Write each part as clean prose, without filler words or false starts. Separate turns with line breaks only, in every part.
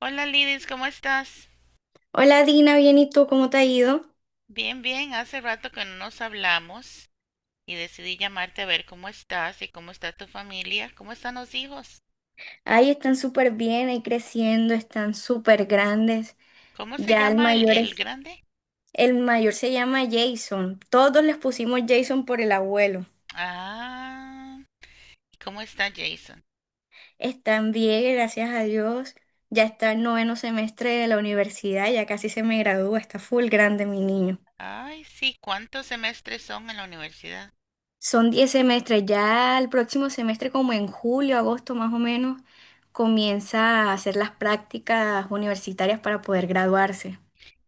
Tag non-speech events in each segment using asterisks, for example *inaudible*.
Hola Lidis, ¿cómo estás?
Hola Dina, bien, ¿y tú cómo te ha ido?
Bien, hace rato que no nos hablamos y decidí llamarte a ver cómo estás y cómo está tu familia, cómo están los hijos,
Ahí están súper bien, ahí creciendo, están súper grandes.
cómo se
Ya el
llama el,
mayor
el
es,
grande.
el mayor se llama Jason. Todos les pusimos Jason por el abuelo.
Ah, ¿y ¿cómo está Jason?
Están bien, gracias a Dios. Ya está en noveno semestre de la universidad, ya casi se me gradúa, está full grande mi niño.
Ay, sí, ¿cuántos semestres son en la universidad?
Son 10 semestres, ya el próximo semestre, como en julio, agosto más o menos, comienza a hacer las prácticas universitarias para poder graduarse.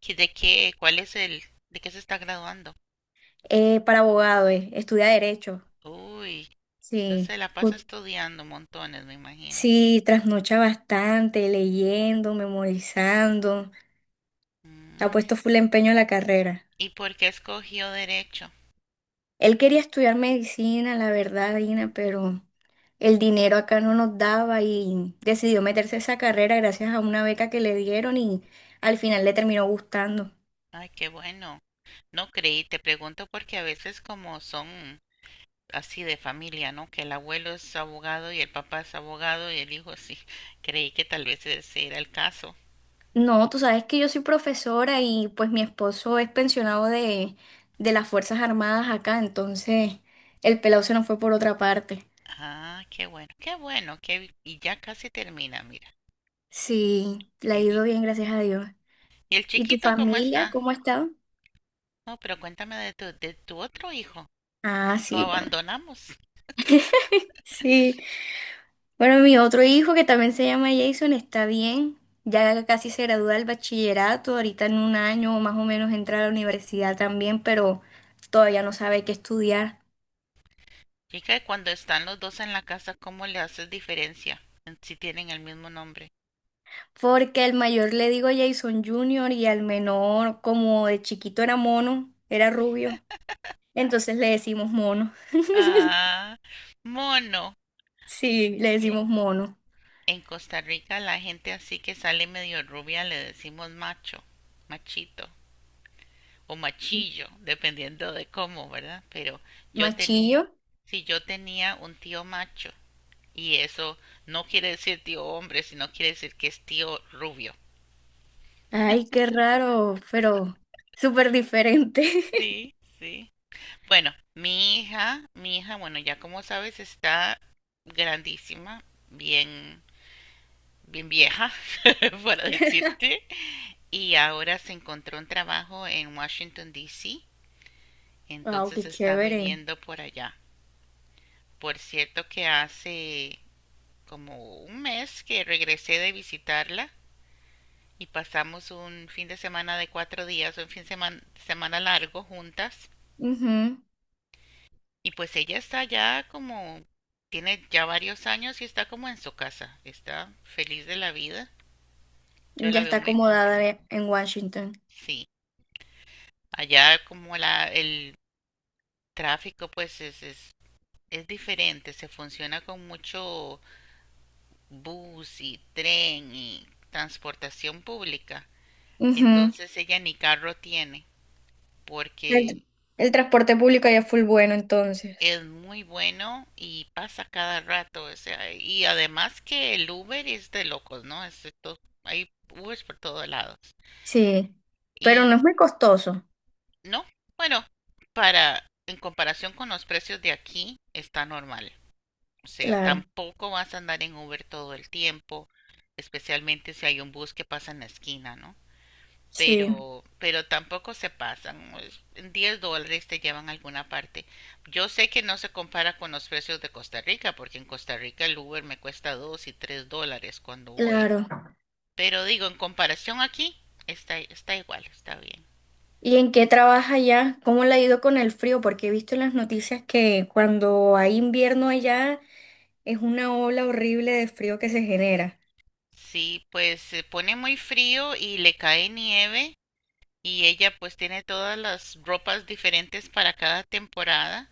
¿Qué- ¿De qué? ¿Cuál es el? ¿De qué se está graduando?
Para abogado, estudia derecho.
Uy, entonces
Sí.
se la pasa estudiando montones, me imagino.
Sí, trasnocha bastante, leyendo, memorizando. Ha
Mm,
puesto full empeño a la carrera.
¿Y por qué escogió derecho?
Él quería estudiar medicina, la verdad, Dina, pero el dinero acá no nos daba y decidió meterse a esa carrera gracias a una beca que le dieron y al final le terminó gustando.
Ay, qué bueno. No creí, te pregunto porque a veces como son así de familia, ¿no? Que el abuelo es abogado y el papá es abogado y el hijo sí. Creí que tal vez ese era el caso.
No, tú sabes que yo soy profesora y pues mi esposo es pensionado de las Fuerzas Armadas acá, entonces el pelado se nos fue por otra parte.
Ah, qué bueno, qué bueno, qué... y ya casi termina, mira.
Sí, la ha
Eh,
ido
¿Y,
bien, gracias a Dios.
y el
¿Y tu
chiquito cómo
familia,
está?
cómo ha estado?
No, pero cuéntame de tu otro hijo.
Ah,
Lo
sí, bueno.
abandonamos.
Sí, bueno, mi otro hijo que también se llama Jason está bien, ya casi se gradúa del bachillerato, ahorita en un año más o menos entra a la universidad también, pero todavía no sabe qué estudiar.
Chica, cuando están los dos en la casa, ¿cómo le haces diferencia en si tienen el mismo nombre?
Porque el mayor le digo Jason Junior y al menor, como de chiquito era mono, era rubio, entonces le decimos mono. *laughs*
Ah, mono.
Sí, le decimos mono.
En Costa Rica la gente así que sale medio rubia le decimos macho, machito o machillo, dependiendo de cómo, ¿verdad? Pero yo tenía,
Machillo.
si yo tenía un tío macho y eso no quiere decir tío hombre, sino quiere decir que es tío rubio.
Ay, qué raro, pero súper diferente.
Sí,
*laughs*
sí. Bueno, mi hija, bueno, ya como sabes, está grandísima, bien bien vieja, *laughs* para decirte, y ahora se encontró un trabajo en Washington, D.C.,
Wow, qué
entonces está
chévere.
viviendo por allá. Por cierto que hace como un mes que regresé de visitarla y pasamos un fin de semana de cuatro días, un fin de semana, semana largo juntas.
Ujú.
Y pues ella está ya como, tiene ya varios años y está como en su casa, está feliz de la vida. Yo
Ya
la veo
está
muy
acomodada
contenta.
en Washington.
Sí, allá como el tráfico, es diferente, se funciona con mucho bus y tren y transportación pública.
Ujú.
Entonces ella ni carro tiene, porque
El, el transporte público ya es full bueno entonces.
es muy bueno y pasa cada rato, o sea, y además que el Uber es de locos, ¿no? Es de hay Ubers por todos lados.
Sí, pero
Y
no es muy costoso.
no, bueno, para en comparación con los precios de aquí está normal. O sea,
Claro,
tampoco vas a andar en Uber todo el tiempo, especialmente si hay un bus que pasa en la esquina, ¿no?
sí,
Pero tampoco se pasan, pues, en $10 te llevan a alguna parte. Yo sé que no se compara con los precios de Costa Rica, porque en Costa Rica el Uber me cuesta 2 y 3 dólares cuando voy.
claro.
Pero digo, en comparación aquí, está igual, está bien.
¿Y en qué trabaja allá? ¿Cómo le ha ido con el frío? Porque he visto en las noticias que cuando hay invierno allá es una ola horrible de frío que se genera.
Sí, pues se pone muy frío y le cae nieve y ella pues tiene todas las ropas diferentes para cada temporada,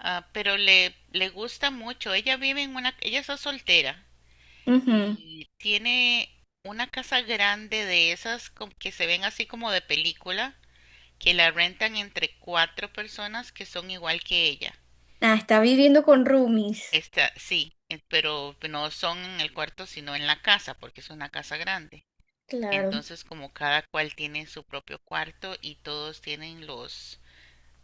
ah, pero le gusta mucho. Ella es soltera
Ujú.
y tiene una casa grande de esas que se ven así como de película, que la rentan entre cuatro personas que son igual que ella.
Ah, está viviendo con roomies.
Esta, sí, pero no son en el cuarto, sino en la casa, porque es una casa grande.
Claro.
Entonces, como cada cual tiene su propio cuarto y todos tienen los,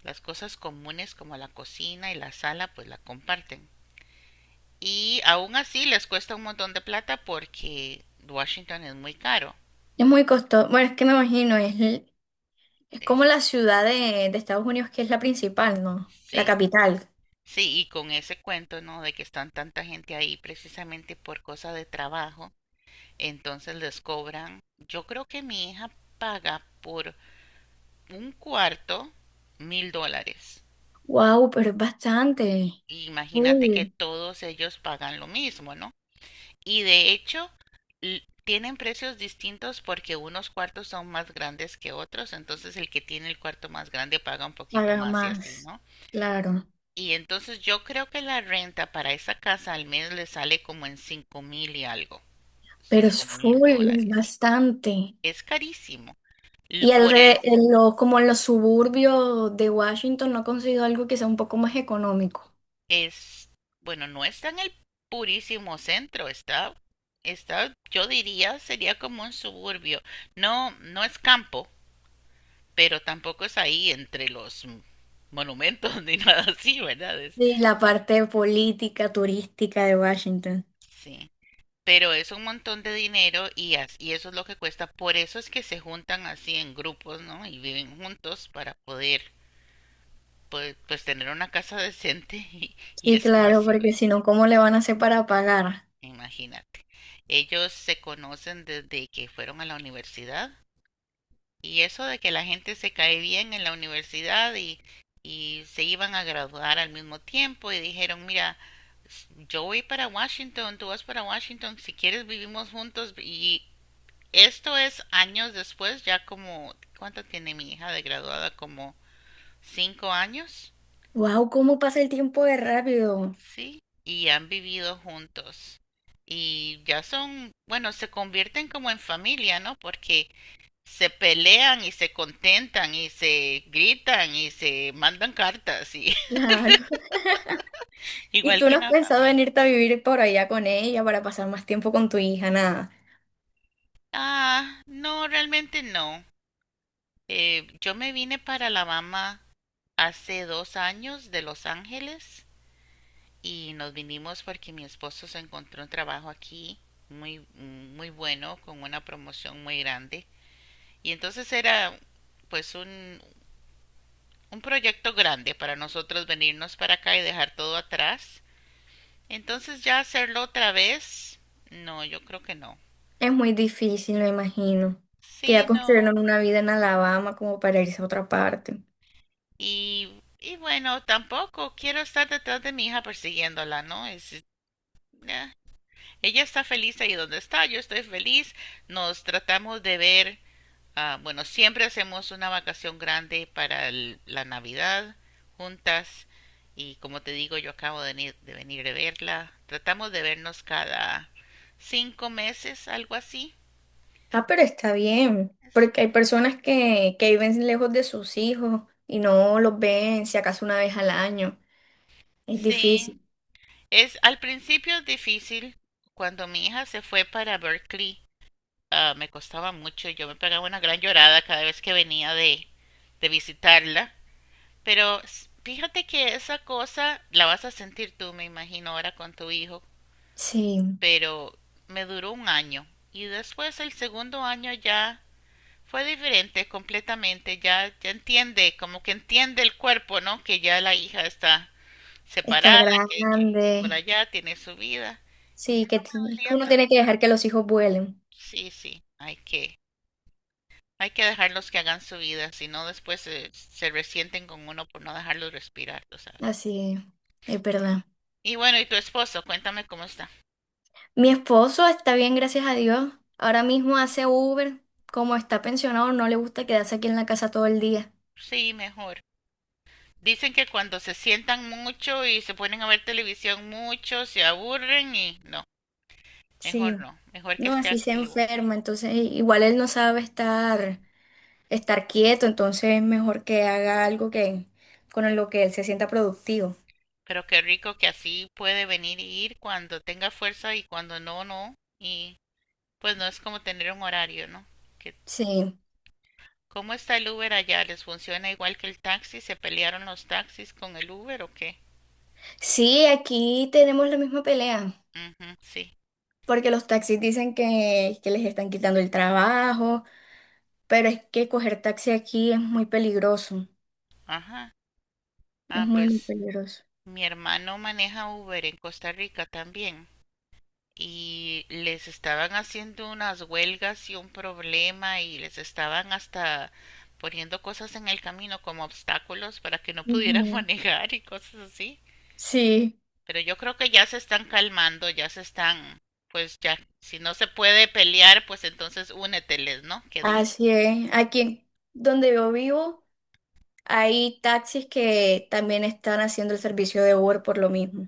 las cosas comunes como la cocina y la sala pues la comparten. Y aún así les cuesta un montón de plata porque Washington es muy caro.
Es muy costoso. Bueno, es que me imagino, es como
Es-
la ciudad de Estados Unidos que es la principal, ¿no?
Sí,
La capital.
sí, sí, y con ese cuento, ¿no? De que están tanta gente ahí precisamente por cosa de trabajo, entonces les cobran, yo creo que mi hija paga por un cuarto $1000.
Wow, pero es bastante.
Imagínate que
Full.
todos ellos pagan lo mismo, ¿no? Y de hecho, tienen precios distintos porque unos cuartos son más grandes que otros, entonces el que tiene el cuarto más grande paga un poquito
Paga
más y así,
más.
¿no?
Claro.
Y entonces yo creo que la renta para esa casa al mes le sale como en 5000 y algo,
Pero
cinco
es
mil
full, es
dólares.
bastante.
Es carísimo. Y
Y el
por
re-
eso
en lo- como en los suburbios de Washington no he conseguido algo que sea un poco más económico.
es, bueno, no está en el purísimo centro, está, yo diría, sería como un suburbio. No, no es campo, pero tampoco es ahí entre los monumentos *laughs* ni nada así, ¿verdad?
Y la parte política, turística de Washington.
Sí. Pero es un montón de dinero y eso es lo que cuesta. Por eso es que se juntan así en grupos, ¿no? Y viven juntos para poder pues tener una casa decente y
Sí, claro,
espacio.
porque si no, ¿cómo le van a hacer para pagar?
Imagínate. Ellos se conocen desde que fueron a la universidad. Y eso de que la gente se cae bien en la universidad y se iban a graduar al mismo tiempo y dijeron, mira, yo voy para Washington, tú vas para Washington, si quieres vivimos juntos y esto es años después, ya como, ¿cuánto tiene mi hija de graduada? Como cinco años,
¡Wow! ¿Cómo pasa el tiempo de rápido?
¿sí? Y han vivido juntos. Y ya son, bueno, se convierten como en familia, ¿no? Porque se pelean y se contentan y se gritan y se mandan cartas y
Claro.
*laughs*
*laughs* ¿Y
igual
tú
que
no has
una
pensado en
familia.
irte a vivir por allá con ella para pasar más tiempo con tu hija? Nada.
Ah, no, realmente no. Yo me vine para Alabama hace dos años de Los Ángeles y nos vinimos porque mi esposo se encontró un trabajo aquí muy muy bueno con una promoción muy grande y entonces era pues un, un proyecto grande para nosotros venirnos para acá y dejar todo atrás. Entonces ya hacerlo otra vez, no, yo creo que no.
Es muy difícil, me imagino. Que ya
Sí, no.
construyeron una vida en Alabama como para irse a otra parte.
Y bueno, tampoco quiero estar detrás de mi hija persiguiéndola, ¿no? Nah. Ella está feliz ahí donde está, yo estoy feliz. Nos tratamos de ver, ah, bueno, siempre hacemos una vacación grande para la Navidad juntas. Y como te digo, yo acabo de venir, de venir de verla. Tratamos de vernos cada cinco meses, algo así.
Ah, pero está bien, porque hay
Sí.
personas que viven lejos de sus hijos y no los ven si acaso una vez al año. Es
Sí,
difícil.
es al principio difícil. Cuando mi hija se fue para Berkeley, ah, me costaba mucho. Yo me pegaba una gran llorada cada vez que venía de visitarla. Pero fíjate que esa cosa la vas a sentir tú, me imagino, ahora con tu hijo.
Sí,
Pero me duró un año. Y después el segundo año ya fue diferente completamente. Ya entiende, como que entiende el cuerpo, ¿no? Que ya la hija está
está
separada, que vive por
grande.
allá, tiene su vida. Y
Sí,
ya no me
es que
dolía
uno
tanto.
tiene que dejar que los hijos vuelen.
Sí, sí, hay que dejarlos que hagan su vida, si no después se resienten con uno por no dejarlos respirar, tú sabes.
Así es verdad.
Y bueno, ¿y tu esposo? Cuéntame cómo está.
Mi esposo está bien, gracias a Dios. Ahora mismo hace Uber. Como está pensionado, no le gusta quedarse aquí en la casa todo el día.
Sí, mejor. Dicen que cuando se sientan mucho y se ponen a ver televisión mucho, se aburren y no,
Sí,
mejor no, mejor que
no,
esté
así se
activo.
enferma. Entonces, igual él no sabe Estar. Quieto, entonces es mejor que haga algo que con lo que él se sienta productivo.
Pero qué rico que así puede venir y ir cuando tenga fuerza y cuando no, no. Y pues no es como tener un horario, ¿no? Que,
Sí,
¿cómo está el Uber allá? ¿Les funciona igual que el taxi? ¿Se pelearon los taxis con el Uber o qué?
sí, aquí tenemos la misma pelea,
Ujú, sí,
porque los taxis dicen que les están quitando el trabajo, pero es que coger taxi aquí es muy peligroso,
ajá.
es
Ah,
muy, muy
pues
peligroso.
mi hermano maneja Uber en Costa Rica también y les estaban haciendo unas huelgas y un problema y les estaban hasta poniendo cosas en el camino como obstáculos para que no pudieran *laughs*
Ujú.
manejar y cosas así.
Sí,
Pero yo creo que ya se están calmando, pues ya, si no se puede pelear, pues entonces úneteles, ¿no? ¿Qué dice?
así es. Aquí donde yo vivo hay taxis que también están haciendo el servicio de Uber por lo mismo.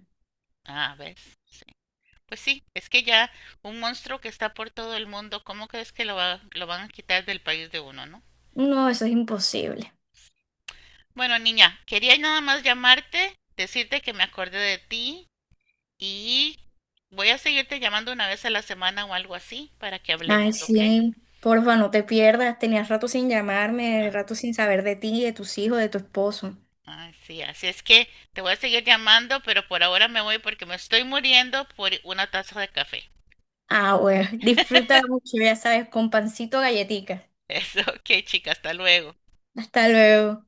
Ah, ¿ves? Sí. Pues sí, es que ya un monstruo que está por todo el mundo, ¿cómo crees que lo van a quitar del país de uno, no?
No, eso es imposible.
Bueno, niña, quería nada más llamarte, decirte que me acordé de ti y voy a seguirte llamando una vez a la semana o algo así para que
Ay,
hablemos, ¿ok?
sí, porfa, no te pierdas. Tenías rato sin llamarme,
Ah,
rato sin saber de ti, de tus hijos, de tu esposo.
así, así es que te voy a seguir llamando, pero por ahora me voy porque me estoy muriendo por una taza de café.
Ah, bueno, *laughs* disfruta mucho, ya sabes, con pancito galletica.
*laughs* Eso, ok, chica, hasta luego.
Hasta luego.